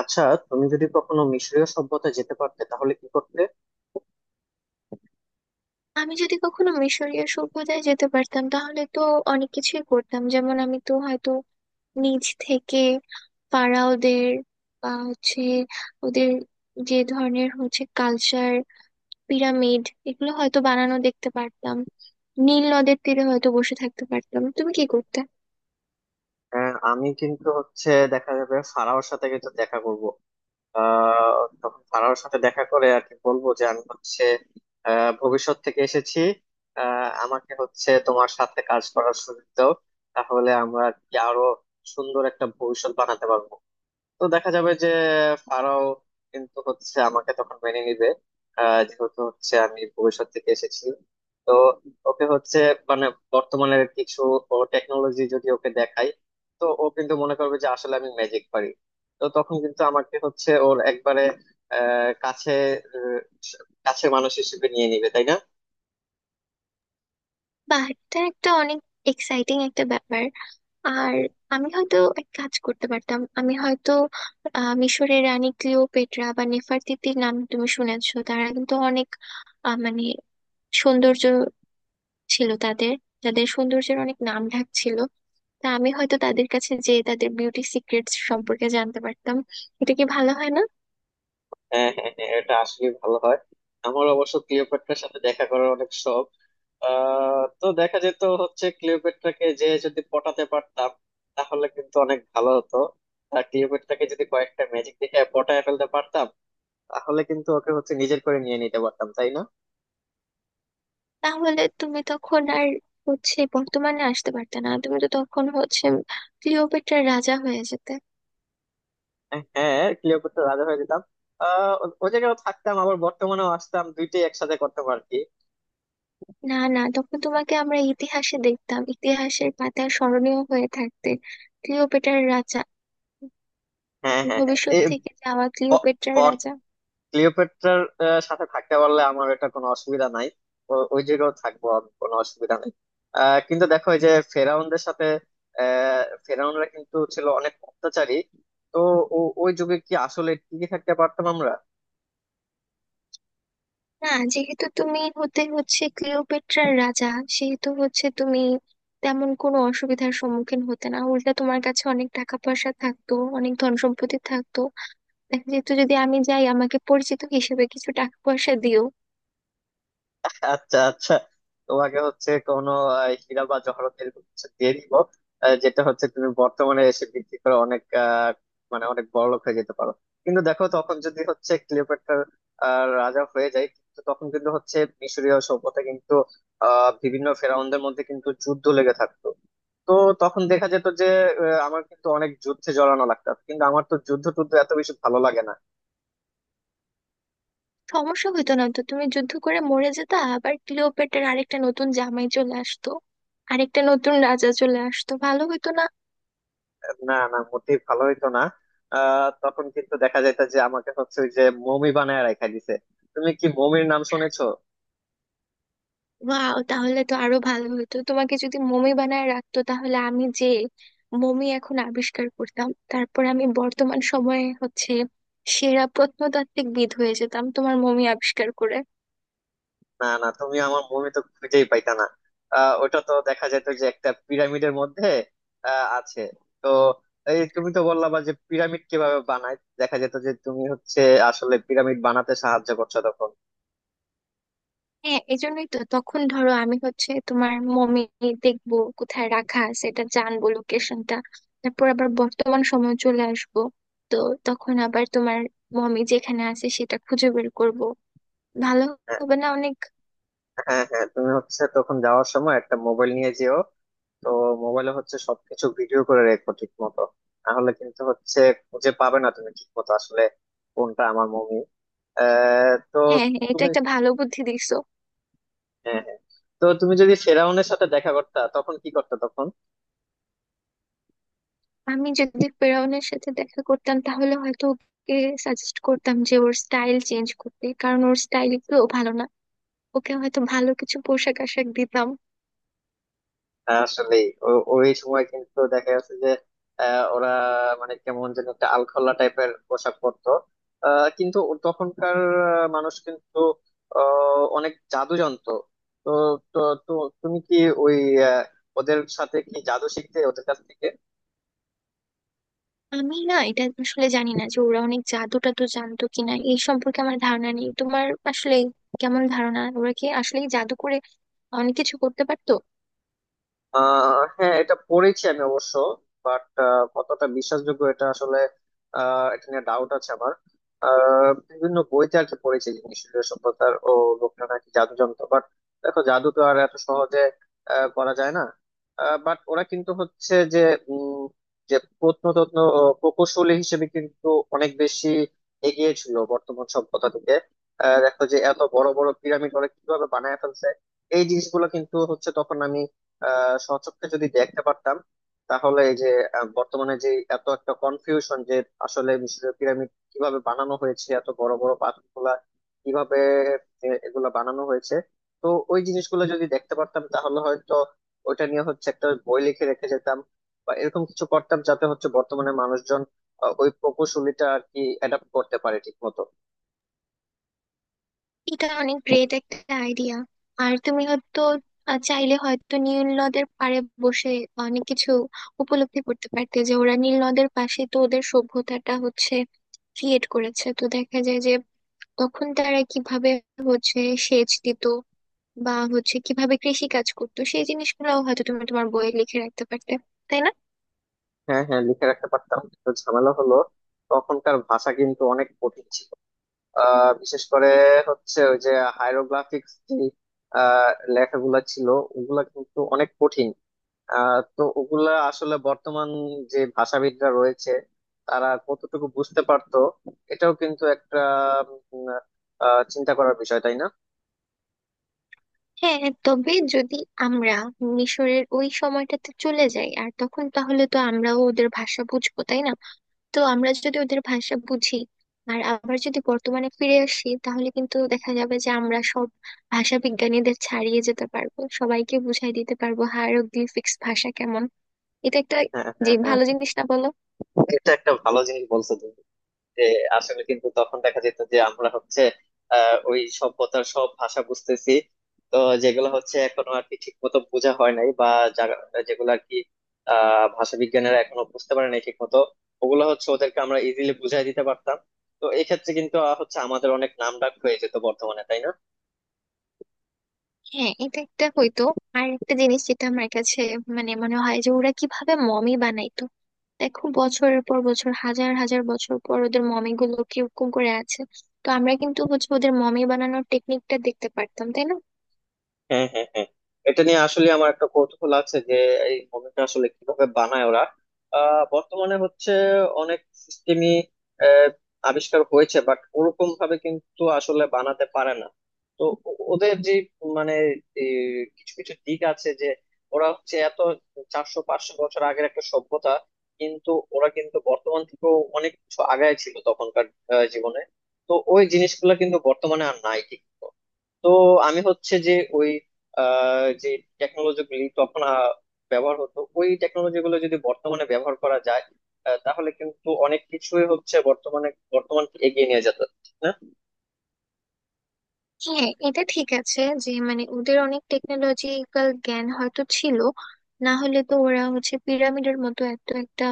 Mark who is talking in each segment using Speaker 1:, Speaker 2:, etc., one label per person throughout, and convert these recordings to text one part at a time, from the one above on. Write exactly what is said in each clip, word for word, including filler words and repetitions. Speaker 1: আচ্ছা, তুমি যদি কখনো মিশরীয় সভ্যতা যেতে পারতে তাহলে কি করতে?
Speaker 2: আমি যদি কখনো মিশরীয় সভ্যতায় যেতে পারতাম তাহলে তো অনেক কিছুই করতাম, যেমন আমি তো হয়তো নিজ থেকে ফারাওদের বা হচ্ছে ওদের যে ধরনের হচ্ছে কালচার, পিরামিড, এগুলো হয়তো বানানো দেখতে পারতাম। নীল নদের তীরে হয়তো বসে থাকতে পারতাম। তুমি কি করতে?
Speaker 1: আহ, আমি কিন্তু হচ্ছে দেখা যাবে ফারাওর সাথে কিন্তু দেখা করব। আহ তখন ফারাওর সাথে দেখা করে আর কি বলবো যে আমি হচ্ছে আহ ভবিষ্যৎ থেকে এসেছি। আহ আমাকে হচ্ছে তোমার সাথে কাজ করার সুযোগ দাও, তাহলে আমরা আর কি আরো সুন্দর একটা ভবিষ্যৎ বানাতে পারবো। তো দেখা যাবে যে ফারাও কিন্তু হচ্ছে আমাকে তখন মেনে নিবে, আহ, যেহেতু হচ্ছে আমি ভবিষ্যৎ থেকে এসেছি। তো ওকে হচ্ছে মানে বর্তমানের কিছু টেকনোলজি যদি ওকে দেখাই তো ও কিন্তু মনে করবে যে আসলে আমি ম্যাজিক পারি। তো তখন কিন্তু আমাকে হচ্ছে ওর একবারে আহ কাছে, আহ, কাছের মানুষ হিসেবে নিয়ে নিবে, তাই না?
Speaker 2: বাহ, এটা একটা অনেক এক্সাইটিং একটা ব্যাপার। আর আমি হয়তো এক কাজ করতে পারতাম, আমি হয়তো আহ, মিশরের রানী ক্লিওপেট্রা বা নেফারতিতির নাম তুমি শুনেছো? তারা কিন্তু অনেক আহ, মানে সৌন্দর্য ছিল তাদের, তাদের সৌন্দর্যের অনেক নাম ঢাক ছিল। তা আমি হয়তো তাদের কাছে যে তাদের বিউটি সিক্রেটস সম্পর্কে জানতে পারতাম। এটা কি ভালো হয় না?
Speaker 1: হ্যাঁ, হ্যাঁ, হ্যাঁ, এটা আসলে ভালো হয়। আমার অবশ্য ক্লিওপেট্রার সাথে দেখা করার অনেক শখ। আহ তো দেখা যেত হচ্ছে ক্লিওপেট্রাকে যে যদি পটাতে পারতাম তাহলে কিন্তু অনেক ভালো হতো। আর ক্লিওপেট্রাকে যদি কয়েকটা ম্যাজিক দেখে পটায় ফেলতে পারতাম তাহলে কিন্তু ওকে হচ্ছে নিজের করে নিয়ে নিতে পারতাম, তাই না?
Speaker 2: তাহলে তুমি তখন আর হচ্ছে বর্তমানে আসতে পারতে না, তুমি তো তখন হচ্ছে ক্লিওপেট্রার রাজা হয়ে যেতে।
Speaker 1: হ্যাঁ, ক্লিওপেট্রা রাজা হয়ে যেতাম। আহ ও ও জায়গায়ও থাকতাম আবার বর্তমানেও আসতাম, দুইটাই একসাথে করতাম আর কি।
Speaker 2: না না, তখন তোমাকে আমরা ইতিহাসে দেখতাম, ইতিহাসের পাতায় স্মরণীয় হয়ে থাকতে, ক্লিওপেট্রার রাজা,
Speaker 1: হ্যাঁ, হ্যাঁ,
Speaker 2: ভবিষ্যৎ
Speaker 1: হ্যাঁ,
Speaker 2: থেকে যাওয়া ক্লিওপেট্রার
Speaker 1: এই
Speaker 2: রাজা।
Speaker 1: ক্লিওপেট্রার আহ, সাথে থাকতে পারলে আমার এটা কোনো অসুবিধা নাই। ও- ওই জায়গাও থাকবো আমি, কোনো অসুবিধা নাই। আহ, কিন্তু দেখো এই যে ফেরাউনদের সাথে, আহ, ফেরাউনরা কিন্তু ছিল অনেক অত্যাচারী। তো ও- ওই যুগে কি আসলে টিকে থাকতে পারতাম আমরা?
Speaker 2: না, যেহেতু তুমি হতে হচ্ছে ক্লিওপেট্রার রাজা, সেহেতু হচ্ছে তুমি তেমন কোনো অসুবিধার সম্মুখীন হতে না, উল্টা তোমার কাছে অনেক টাকা পয়সা থাকতো, অনেক ধন সম্পত্তি থাকতো। দেখা যেত, যদি আমি যাই আমাকে পরিচিত হিসেবে কিছু টাকা পয়সা দিও।
Speaker 1: আচ্ছা, আচ্ছা, তোমাকে হচ্ছে কোনো আহ, হীরা বা জহরত এরকম কিছু দিয়ে দিব, আহ, যেটা হচ্ছে তুমি বর্তমানে এসে বিক্রি করে অনেক আহ, মানে অনেক বড়লোক হয়ে যেতে পারো। কিন্তু দেখো তখন যদি হচ্ছে ক্লিওপেট্রার আহ, রাজা হয়ে যায়, কিন্তু তখন কিন্তু হচ্ছে মিশরীয় সভ্যতা কিন্তু আহ বিভিন্ন ফেরাউনদের মধ্যে কিন্তু যুদ্ধ লেগে থাকতো। তো তখন দেখা যেত যে আহ, আমার কিন্তু অনেক যুদ্ধে জড়ানো লাগতো, কিন্তু আমার তো যুদ্ধ টুদ্ধ এত বেশি ভালো লাগে না।
Speaker 2: সমস্যা হতো না তো, তুমি যুদ্ধ করে মরে যেতা, আবার ক্লিওপেট্রার আরেকটা নতুন জামাই চলে আসতো, আরেকটা নতুন রাজা চলে আসতো, ভালো হতো না?
Speaker 1: না, না, মোটেই ভালো হইতো না। আহ তখন কিন্তু দেখা যাইতো যে আমাকে হচ্ছে ওই যে মমি বানায় রাখা দিছে। তুমি কি মমির নাম শুনেছো?
Speaker 2: ওয়াও, তাহলে তো আরো ভালো হতো, তোমাকে যদি মমি বানায় রাখতো তাহলে আমি যে মমি এখন আবিষ্কার করতাম, তারপর আমি বর্তমান সময়ে হচ্ছে সেরা প্রত্নতাত্ত্বিক বিদ হয়ে যেতাম তোমার মমি আবিষ্কার করে।
Speaker 1: না, না, তুমি আমার মমি তো খুঁজেই পাইতা না। আহ ওটা তো দেখা যাইতো যে একটা পিরামিডের মধ্যে আহ আছে। তো এই তুমি তো বললা বা যে পিরামিড কিভাবে বানায়, দেখা যেত যে তুমি হচ্ছে আসলে পিরামিড বানাতে সাহায্য করছো তখন।
Speaker 2: হ্যাঁ, এই জন্যই তো, তখন ধরো আমি হচ্ছে তোমার মমি দেখবো কোথায় রাখা আছে, এটা জানবো লোকেশনটা। তারপর আবার বর্তমান সময় চলে আসবো। তো তখন আবার তোমার মমি যেখানে আছে সেটা খুঁজে বের করব। ভালো
Speaker 1: হ্যাঁ,
Speaker 2: হবে না অনেক?
Speaker 1: হ্যাঁ, হ্যাঁ, তুমি হচ্ছে তখন যাওয়ার সময় একটা মোবাইল নিয়ে যেও। তো মোবাইলে হচ্ছে সবকিছু ভিডিও করে রেখো ঠিক মতো, তাহলে কিন্তু হচ্ছে খুঁজে পাবে না তুমি ঠিক মতো আসলে কোনটা আমার মুভি। তো
Speaker 2: হ্যাঁ হ্যাঁ, এটা
Speaker 1: তুমি,
Speaker 2: একটা ভালো বুদ্ধি দিছো।
Speaker 1: হ্যাঁ, হ্যাঁ। তো তুমি যদি ফেরাউনের সাথে দেখা করতা তখন কি করতে তখন?
Speaker 2: আমি যদি ফেরাউনের সাথে দেখা করতাম তাহলে হয়তো ওকে সাজেস্ট করতাম যে ওর স্টাইল চেঞ্জ করতে, কারণ ওর স্টাইল গুলো ভালো না। ওকে হয়তো ভালো কিছু পোশাক আশাক দিতাম।
Speaker 1: আসলে ওই সময় কিন্তু দেখা যাচ্ছে যে আহ, ওরা মানে কেমন যেন একটা আলখোল্লা টাইপের পোশাক পরতো। আহ, কিন্তু ও- তখনকার আহ, মানুষ কিন্তু আহ, অনেক জাদু জানতো। তো তো তো তুমি কি ওই আহ, ওদের সাথে কি জাদু শিখতে ওদের কাছ থেকে?
Speaker 2: আমি না এটা আসলে জানি না যে ওরা অনেক জাদু টাদু জানতো কিনা, এই সম্পর্কে আমার ধারণা নেই। তোমার আসলে কেমন ধারণা, ওরা কি আসলে জাদু করে অনেক কিছু করতে পারতো?
Speaker 1: আহ হ্যাঁ, এটা পড়েছি আমি অবশ্য, বাট কতটা বিশ্বাসযোগ্য এটা আসলে, আহ এটা নিয়ে ডাউট আছে আমার। আহ বিভিন্ন বইতে আর কি পড়েছি নিঃসঙ্গ সভ্যতার ও লোকটা নাকি জাদু জানতো। বাট দেখো জাদু তো আর এত সহজে আহ, করা যায় না। বাট ওরা কিন্তু হচ্ছে যে উম যে প্রত্নতত্ত্ব ও প্রকৌশলী হিসেবে কিন্তু অনেক বেশি এগিয়ে ছিল বর্তমান সভ্যতা থেকে। আহ, দেখো যে এত বড় বড় পিরামিড ওরা কিভাবে বানায় ফেলছে, এই জিনিসগুলো কিন্তু হচ্ছে তখন আমি আহ সচক্ষে যদি দেখতে পারতাম, তাহলে এই যে আহ, বর্তমানে যে এত একটা কনফিউশন যে আসলে মিশরের পিরামিড কিভাবে বানানো হয়েছে, এত বড় বড় পাথরগুলা কিভাবে এ- এগুলা বানানো হয়েছে, তো ওই জিনিসগুলো যদি দেখতে পারতাম তাহলে হয়তো ওইটা নিয়ে হচ্ছে একটা বই লিখে রেখে যেতাম, বা এরকম কিছু করতাম যাতে হচ্ছে বর্তমানে মানুষজন আহ, ওই প্রকৌশলীটা আর কি অ্যাডাপ্ট করতে পারে ঠিক মতো।
Speaker 2: এটা অনেক গ্রেট একটা আইডিয়া। আর তুমি হয়তো আহ, চাইলে হয়তো নীল নদের পাড়ে বসে অনেক কিছু উপলব্ধি করতে পারতে। যে ওরা নীল নদের পাশে তো ওদের সভ্যতাটা হচ্ছে ক্রিয়েট করেছে, তো দেখা যায় যে তখন তারা কিভাবে হচ্ছে সেচ দিত বা হচ্ছে কিভাবে কৃষি কাজ করতো, সেই জিনিসগুলোও হয়তো তুমি তোমার বইয়ে লিখে রাখতে পারতে, তাই না?
Speaker 1: হ্যাঁ, হ্যাঁ, লিখে রাখতে পারতাম কিন্তু ঝামেলা হলো তখনকার ভাষা কিন্তু অনেক কঠিন ছিল। আহ বিশেষ করে হচ্ছে ওই যে হাইরোগ্লিফিক্স যে আহ, লেখাগুলা ছিল ওগুলা কিন্তু অনেক কঠিন। আহ, তো ওগুলা আসলে বর্তমান যে ভাষাবিদরা রয়েছে তারা কতটুকু বুঝতে পারতো, এটাও কিন্তু একটা উম, আহ, চিন্তা করার বিষয়, তাই না?
Speaker 2: হ্যাঁ হ্যাঁ, তবে যদি আমরা মিশরের ওই সময়টাতে চলে যাই আর তখন, তাহলে তো আমরাও ওদের ভাষা বুঝবো, তাই না? তো আমরা যদি ওদের ভাষা বুঝি আর আবার যদি বর্তমানে ফিরে আসি, তাহলে কিন্তু দেখা যাবে যে আমরা সব ভাষা বিজ্ঞানীদের ছাড়িয়ে যেতে পারবো, সবাইকে বুঝাই দিতে পারবো হায়ারোগ্লিফিক্স ভাষা কেমন। এটা একটা
Speaker 1: হ্যাঁ,
Speaker 2: যে
Speaker 1: হ্যাঁ, হ্যাঁ,
Speaker 2: ভালো জিনিস না, বলো?
Speaker 1: এটা একটা ভালো জিনিস বলছো তুমি, যে আসলে কিন্তু তখন দেখা যেত যে আমরা হচ্ছে আহ, ওই সভ্যতার সব ভাষা বুঝতেছি। তো যেগুলো হচ্ছে এখনো আর কি ঠিক মতো বোঝা হয় নাই, বা যারা- যেগুলো আর কি আহ ভাষা বিজ্ঞানীরা এখনো বুঝতে পারে নাই ঠিক মতো, ওগুলো হচ্ছে ওদেরকে আমরা ইজিলি বুঝাই দিতে পারতাম। তো এই ক্ষেত্রে কিন্তু আহ, হচ্ছে আমাদের অনেক নাম ডাক হয়ে যেত বর্তমানে, তাই না?
Speaker 2: হ্যাঁ এটা একটা হইতো। আর একটা জিনিস যেটা আমার কাছে মানে মনে হয়, যে ওরা কিভাবে মমি বানাইতো। দেখো, বছরের পর বছর, হাজার হাজার বছর পর ওদের মমি গুলো কিরকম করে আছে। তো আমরা কিন্তু হচ্ছে ওদের মমি বানানোর টেকনিকটা দেখতে পারতাম, তাই না?
Speaker 1: হ্যাঁ, হ্যাঁ, হ্যাঁ, এটা নিয়ে আসলে আমার একটা কৌতূহল আছে যে এই মুভিটা আসলে কিভাবে বানায় ওরা। আহ, বর্তমানে হচ্ছে অনেক সিস্টেমই আবিষ্কার হয়েছে, বাট ওরকম ভাবে কিন্তু আসলে বানাতে পারে না। তো ও- ওদের যে মানে এই কিছু কিছু দিক আছে যে ওরা হচ্ছে এত চারশো পাঁচশো বছর আগের একটা সভ্যতা, কিন্তু ওরা কিন্তু বর্তমান থেকেও অনেক কিছু আগায় ছিল তখনকার আহ, জীবনে। তো ওই জিনিসগুলো কিন্তু বর্তমানে আর নাই ঠিক। তো আমি হচ্ছে যে ওই আহ, যে টেকনোলজি গুলি তখন আহ, ব্যবহার হতো, ওই টেকনোলজি গুলো যদি বর্তমানে ব্যবহার করা যায় আহ, তাহলে কিন্তু অনেক কিছুই হচ্ছে বর্তমানে, বর্তমানকে এগিয়ে নিয়ে যেত, না?
Speaker 2: হ্যাঁ এটা ঠিক আছে, যে মানে ওদের অনেক টেকনোলজিক্যাল জ্ঞান হয়তো ছিল, না হলে তো ওরা হচ্ছে পিরামিডের মতো এত একটা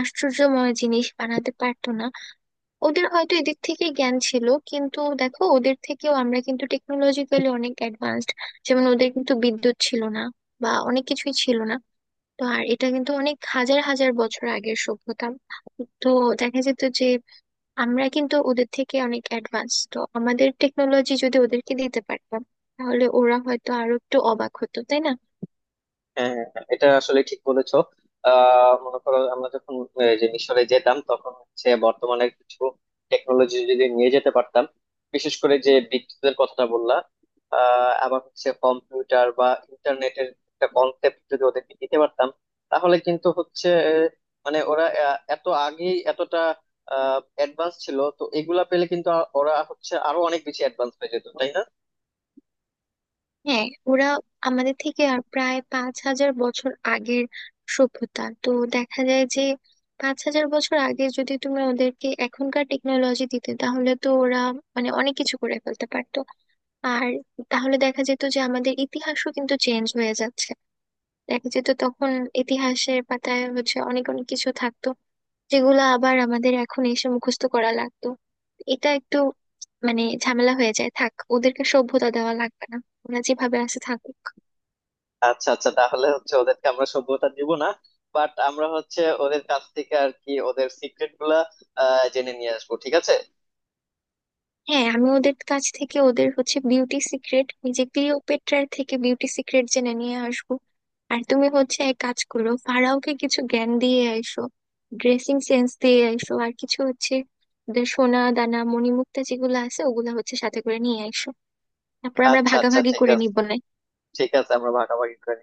Speaker 2: আশ্চর্যময় জিনিস বানাতে পারতো না। ওদের হয়তো এদিক থেকে জ্ঞান ছিল, কিন্তু দেখো, ওদের থেকেও আমরা কিন্তু টেকনোলজিক্যালি অনেক অ্যাডভান্সড। যেমন, ওদের কিন্তু বিদ্যুৎ ছিল না বা অনেক কিছুই ছিল না। তো আর এটা কিন্তু অনেক হাজার হাজার বছর আগের সভ্যতা। তো দেখা যেত যে আমরা কিন্তু ওদের থেকে অনেক অ্যাডভান্স, তো আমাদের টেকনোলজি যদি ওদেরকে দিতে পারতাম তাহলে ওরা হয়তো আরো একটু অবাক হতো, তাই না?
Speaker 1: হ্যাঁ, হ্যাঁ, হ্যাঁ, এটা আসলে ঠিক বলেছো। আহ মনে করো আমরা যখন আহ, যে মিশরে যেতাম তখন হচ্ছে বর্তমানে কিছু টেকনোলজি যদি নিয়ে যেতে পারতাম, বিশেষ করে যে বিদ্যুতের কথাটা বললাম। আহ আবার হচ্ছে কম্পিউটার বা ইন্টারনেটের একটা কনসেপ্ট যদি ওদেরকে দিতে পারতাম, তাহলে কিন্তু হচ্ছে আহ, মানে ওরা আহ, এত আগেই এতটা অ্যাডভান্স ছিল, তো এগুলা পেলে কিন্তু আ- ওরা হচ্ছে আরো অনেক বেশি অ্যাডভান্স হয়ে যেত, তাই না?
Speaker 2: হ্যাঁ, ওরা আমাদের থেকে আর প্রায় পাঁচ হাজার বছর আগের সভ্যতা। তো দেখা যায় যে পাঁচ হাজার বছর আগে যদি তুমি ওদেরকে এখনকার টেকনোলজি দিতে তাহলে তো ওরা মানে অনেক কিছু করে ফেলতে পারতো। আর তাহলে দেখা যেত যে আমাদের ইতিহাসও কিন্তু চেঞ্জ হয়ে যাচ্ছে। দেখা যেত তখন ইতিহাসের পাতায় হচ্ছে অনেক অনেক কিছু থাকতো যেগুলো আবার আমাদের এখন এসে মুখস্থ করা লাগতো। এটা একটু মানে ঝামেলা হয়ে যায়, থাক, ওদেরকে সভ্যতা দেওয়া লাগবে না, ওরা যেভাবে আছে থাকুক।
Speaker 1: আচ্ছা, আচ্ছা, তাহলে হচ্ছে ওদেরকে আমরা সভ্যতা দিব না। বাট আমরা হচ্ছে ওদের কাছ থেকে আর কি ওদের সিক্রেট গুলা আহ, জেনে নিয়ে আসবো, ঠিক আছে।
Speaker 2: হ্যাঁ, আমি ওদের কাছ থেকে ওদের হচ্ছে বিউটি সিক্রেট, যে ক্লিওপেট্রার থেকে বিউটি সিক্রেট জেনে নিয়ে আসবো। আর তুমি হচ্ছে এক কাজ করো, ফারাওকে কিছু জ্ঞান দিয়ে আইসো, ড্রেসিং সেন্স দিয়ে আইসো, আর কিছু হচ্ছে ওদের সোনা দানা মণিমুক্তা যেগুলো আছে ওগুলা হচ্ছে সাথে করে নিয়ে আইসো। তারপর আমরা
Speaker 1: আচ্ছা, আচ্ছা,
Speaker 2: ভাগাভাগি
Speaker 1: ঠিক
Speaker 2: করে
Speaker 1: আছে।
Speaker 2: নিবো না?
Speaker 1: ঠিক আছে, আমরা ভাগাভাগি করে